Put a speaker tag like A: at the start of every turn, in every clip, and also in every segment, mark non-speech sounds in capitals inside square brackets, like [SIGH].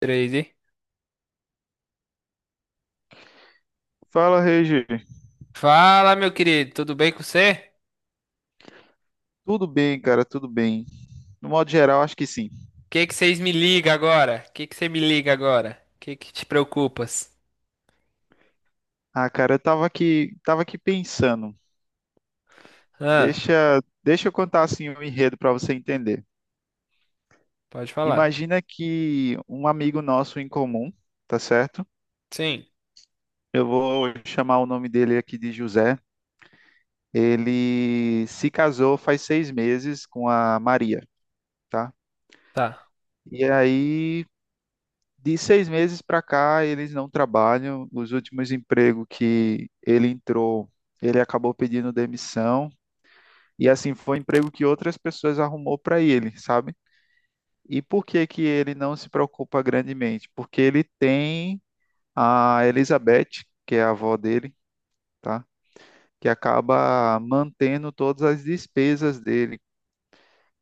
A: Três, hein?
B: Fala, Regi.
A: Fala, meu querido, tudo bem com você?
B: Tudo bem, cara? Tudo bem. No modo geral, acho que sim.
A: O que que vocês me ligam agora? O que que você me liga agora? O que que te preocupas?
B: Ah, cara, eu tava aqui pensando.
A: Ah,
B: Deixa, deixa eu contar assim o enredo para você entender.
A: pode falar.
B: Imagina que um amigo nosso em comum, tá certo?
A: Sim,
B: Eu vou chamar o nome dele aqui de José. Ele se casou faz 6 meses com a Maria, tá?
A: tá.
B: E aí, de 6 meses para cá, eles não trabalham. Os últimos empregos que ele entrou, ele acabou pedindo demissão. E assim, foi um emprego que outras pessoas arrumou para ele, sabe? E por que que ele não se preocupa grandemente? Porque ele tem a Elizabeth, que é a avó dele, tá? Que acaba mantendo todas as despesas dele. O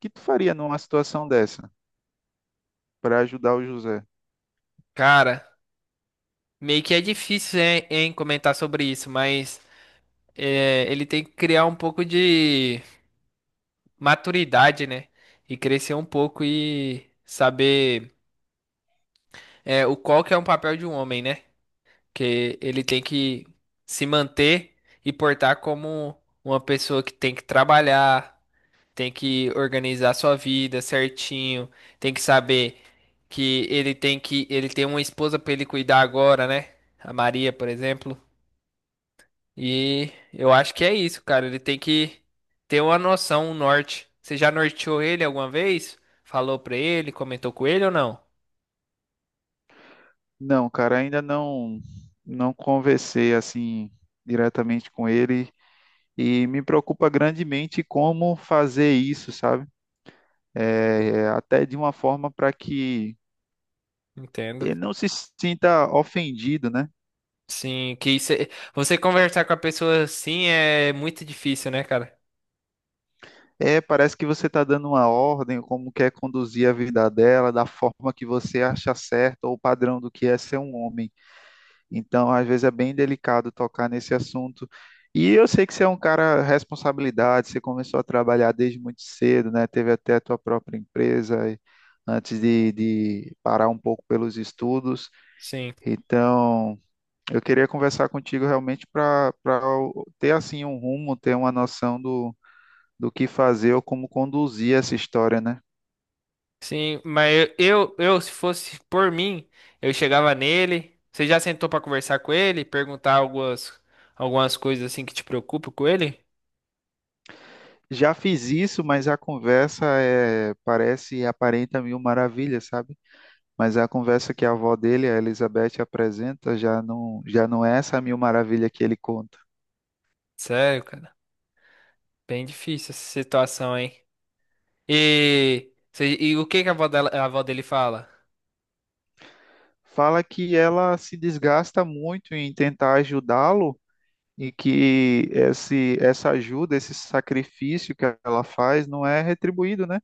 B: que tu faria numa situação dessa para ajudar o José?
A: Cara, meio que é difícil, hein, comentar sobre isso, mas é, ele tem que criar um pouco de maturidade, né? E crescer um pouco e saber é, o qual que é um papel de um homem, né? Que ele tem que se manter e portar como uma pessoa que tem que trabalhar, tem que organizar sua vida certinho, tem que saber que ele tem uma esposa para ele cuidar agora, né? A Maria, por exemplo. E eu acho que é isso, cara. Ele tem que ter uma noção, um norte. Você já norteou ele alguma vez? Falou pra ele, comentou com ele ou não?
B: Não, cara, ainda não conversei assim diretamente com ele e me preocupa grandemente como fazer isso, sabe? É, até de uma forma para que
A: Entendo.
B: ele não se sinta ofendido, né?
A: Sim, que você conversar com a pessoa assim é muito difícil, né, cara?
B: É, parece que você está dando uma ordem, como quer conduzir a vida dela, da forma que você acha certa ou o padrão do que é ser um homem. Então, às vezes é bem delicado tocar nesse assunto. E eu sei que você é um cara responsabilidade, você começou a trabalhar desde muito cedo, né? Teve até a tua própria empresa antes de parar um pouco pelos estudos.
A: Sim,
B: Então, eu queria conversar contigo realmente para ter assim um rumo, ter uma noção do que fazer ou como conduzir essa história, né?
A: sim, mas eu, se fosse por mim, eu chegava nele. Você já sentou pra conversar com ele, perguntar algumas, algumas coisas assim que te preocupam com ele?
B: Já fiz isso, mas a conversa é, parece e aparenta mil maravilhas, sabe? Mas é a conversa que a avó dele, a Elizabeth, apresenta já não é essa mil maravilha que ele conta.
A: Sério, cara, bem difícil essa situação, hein? E, e o que que a a avó dele fala?
B: Fala que ela se desgasta muito em tentar ajudá-lo e que essa ajuda, esse sacrifício que ela faz não é retribuído, né?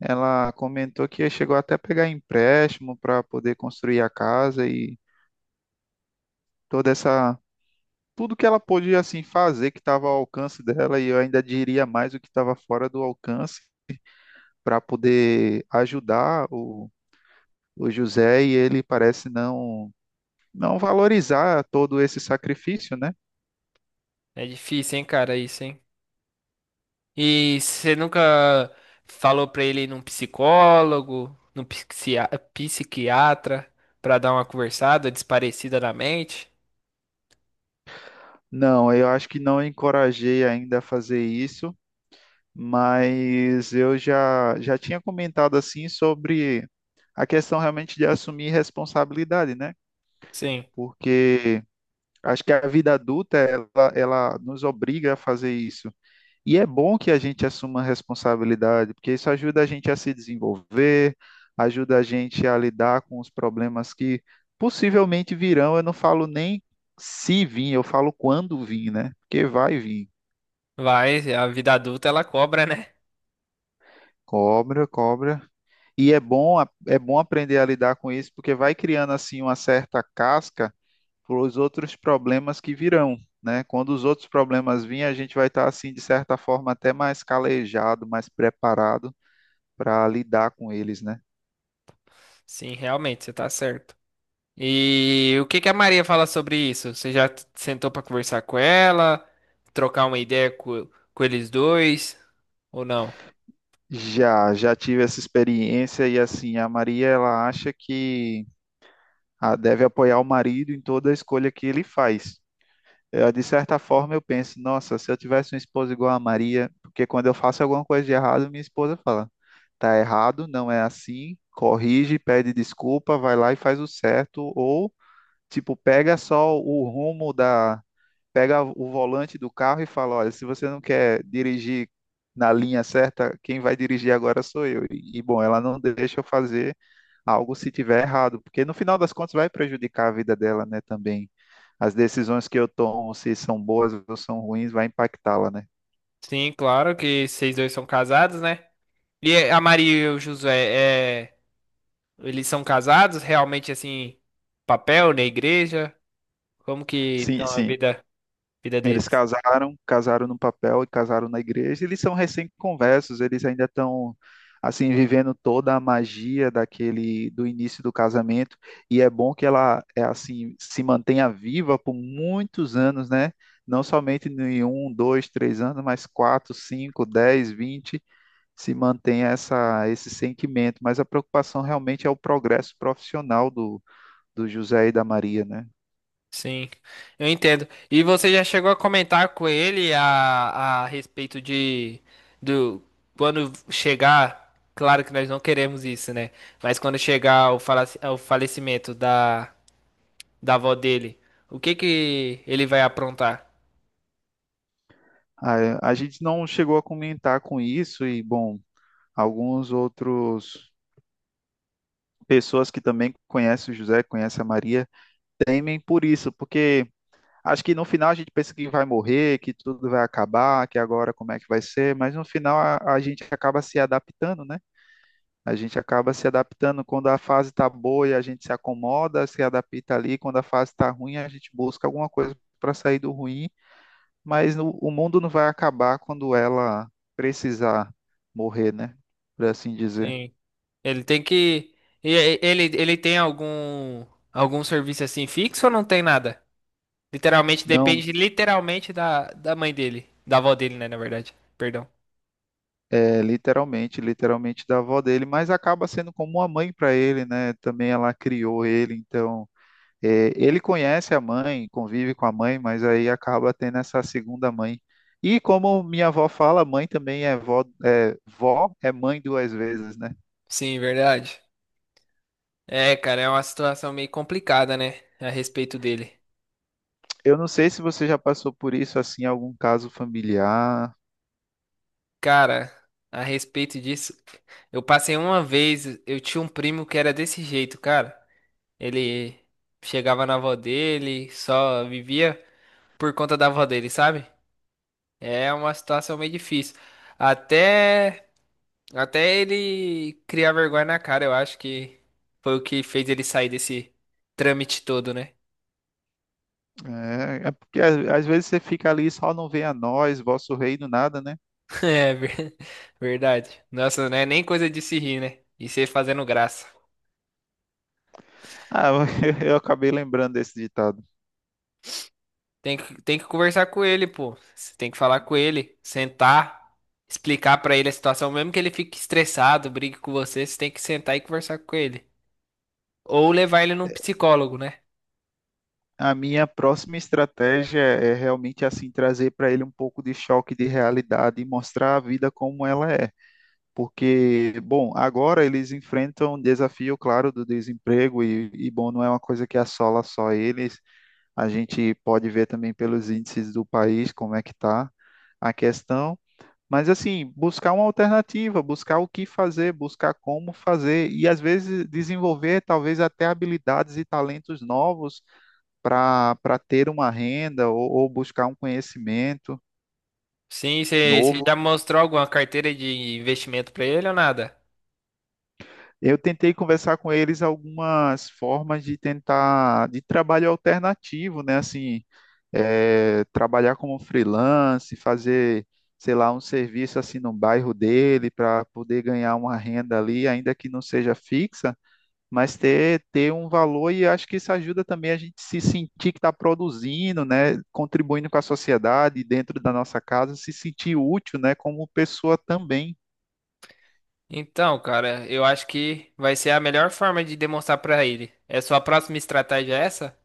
B: Ela comentou que chegou até a pegar empréstimo para poder construir a casa e toda essa tudo que ela podia assim fazer que estava ao alcance dela, e eu ainda diria mais o que estava fora do alcance para poder ajudar o José, e ele parece não valorizar todo esse sacrifício, né?
A: É difícil, hein, cara, isso, hein? E você nunca falou pra ele ir num psicólogo, psiquiatra, pra dar uma conversada desparecida na mente?
B: Não, eu acho que não encorajei ainda a fazer isso, mas eu já tinha comentado assim sobre a questão realmente de assumir responsabilidade, né?
A: Sim,
B: Porque acho que a vida adulta ela nos obriga a fazer isso. E é bom que a gente assuma a responsabilidade, porque isso ajuda a gente a se desenvolver, ajuda a gente a lidar com os problemas que possivelmente virão. Eu não falo nem se vir, eu falo quando vir, né? Porque vai vir.
A: vai, a vida adulta ela cobra, né?
B: Cobra, cobra. E é bom aprender a lidar com isso, porque vai criando assim uma certa casca para os outros problemas que virão, né? Quando os outros problemas virem, a gente vai estar assim de certa forma até mais calejado, mais preparado para lidar com eles, né?
A: Sim, realmente, você tá certo. E o que que a Maria fala sobre isso? Você já sentou pra conversar com ela, trocar uma ideia com eles dois, ou não?
B: Já tive essa experiência e, assim, a Maria ela acha que ah, deve apoiar o marido em toda a escolha que ele faz. Eu, de certa forma, eu penso, nossa, se eu tivesse uma esposa igual a Maria, porque quando eu faço alguma coisa de errado, minha esposa fala, tá errado, não é assim, corrige, pede desculpa, vai lá e faz o certo, ou tipo, pega só o rumo da pega o volante do carro e fala: olha, se você não quer dirigir na linha certa, quem vai dirigir agora sou eu. E, bom, ela não deixa eu fazer algo se tiver errado, porque no final das contas vai prejudicar a vida dela, né, também. As decisões que eu tomo, se são boas ou são ruins, vai impactá-la, né?
A: Sim, claro que vocês dois são casados, né? E a Maria e o Josué, é. Eles são casados realmente assim, papel na igreja? Como que
B: Sim,
A: estão a
B: sim.
A: vida, vida
B: Eles
A: deles?
B: casaram no papel e casaram na igreja. Eles são recém-conversos, eles ainda estão assim vivendo toda a magia daquele do início do casamento. E é bom que ela é assim se mantenha viva por muitos anos, né? Não somente em um, dois, três anos, mas quatro, cinco, dez, vinte, se mantenha essa esse sentimento. Mas a preocupação realmente é o progresso profissional do José e da Maria, né?
A: Sim, eu entendo. E você já chegou a comentar com ele a respeito de do quando chegar, claro que nós não queremos isso, né? Mas quando chegar o, o falecimento da avó dele, o que que ele vai aprontar?
B: A gente não chegou a comentar com isso e, bom, alguns outros pessoas que também conhecem o José, conhecem a Maria, temem por isso, porque acho que no final a gente pensa que vai morrer, que tudo vai acabar, que agora como é que vai ser, mas no final a gente acaba se adaptando, né? A gente acaba se adaptando quando a fase está boa, a gente se acomoda, se adapta ali, quando a fase está ruim, a gente busca alguma coisa para sair do ruim, mas o mundo não vai acabar quando ela precisar morrer, né? Por assim dizer.
A: Sim, ele tem que ele tem algum algum serviço assim fixo ou não tem nada? Literalmente
B: Não.
A: depende literalmente da mãe dele. Da avó dele, né, na verdade. Perdão.
B: É, literalmente, literalmente da avó dele, mas acaba sendo como uma mãe para ele, né? Também ela criou ele, então é, ele conhece a mãe, convive com a mãe, mas aí acaba tendo essa segunda mãe. E como minha avó fala, mãe também é vó, é, vó é mãe duas vezes, né?
A: Sim, verdade. É, cara, é uma situação meio complicada, né? A respeito dele.
B: Eu não sei se você já passou por isso assim, em algum caso familiar.
A: Cara, a respeito disso, eu passei uma vez, eu tinha um primo que era desse jeito, cara. Ele chegava na avó dele, só vivia por conta da avó dele, sabe? É uma situação meio difícil. Até Até ele criar vergonha na cara, eu acho que foi o que fez ele sair desse trâmite todo, né?
B: É porque às vezes você fica ali, só não vem a nós, vosso reino, nada, né?
A: [LAUGHS] É ver- verdade. Nossa, não é nem coisa de se rir, né? E você fazendo graça.
B: Ah, [LAUGHS] eu acabei lembrando desse ditado.
A: Tem que conversar com ele, pô. Você tem que falar com ele, sentar, explicar pra ele a situação, mesmo que ele fique estressado, brigue com você, você tem que sentar e conversar com ele. Ou levar ele num psicólogo, né?
B: A minha próxima estratégia é realmente assim trazer para ele um pouco de choque de realidade e mostrar a vida como ela é. Porque, bom, agora eles enfrentam um desafio, claro, do desemprego e, bom, não é uma coisa que assola só eles. A gente pode ver também pelos índices do país como é que está a questão. Mas, assim, buscar uma alternativa, buscar o que fazer, buscar como fazer e às vezes desenvolver talvez até habilidades e talentos novos para ter uma renda ou buscar um conhecimento
A: Sim, você
B: novo.
A: já mostrou alguma carteira de investimento pra ele ou nada?
B: Eu tentei conversar com eles algumas formas de tentar de trabalho alternativo, né? Assim, trabalhar como freelance, fazer, sei lá, um serviço assim no bairro dele para poder ganhar uma renda ali, ainda que não seja fixa, mas ter um valor, e acho que isso ajuda também a gente se sentir que está produzindo, né, contribuindo com a sociedade dentro da nossa casa, se sentir útil, né, como pessoa também.
A: Então, cara, eu acho que vai ser a melhor forma de demonstrar pra ele. É sua próxima estratégia é essa?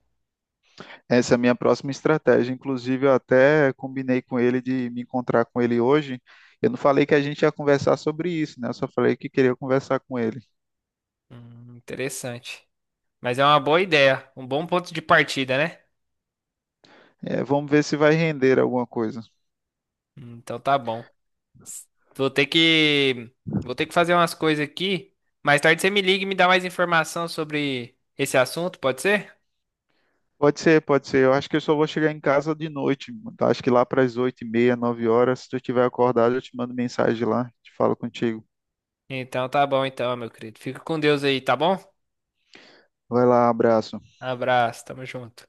B: Essa é a minha próxima estratégia. Inclusive, eu até combinei com ele de me encontrar com ele hoje. Eu não falei que a gente ia conversar sobre isso, né? Eu só falei que queria conversar com ele.
A: Interessante. Mas é uma boa ideia, um bom ponto de partida, né?
B: É, vamos ver se vai render alguma coisa.
A: Então tá bom. Vou ter que vou ter que fazer umas coisas aqui. Mais tarde você me liga e me dá mais informação sobre esse assunto, pode ser?
B: Pode ser, pode ser. Eu acho que eu só vou chegar em casa de noite, mano. Tá? Acho que lá para as 8:30, 9 horas, se tu estiver acordado, eu te mando mensagem lá, te falo contigo.
A: Então tá bom então, meu querido. Fica com Deus aí, tá bom?
B: Vai lá, abraço.
A: Abraço, tamo junto.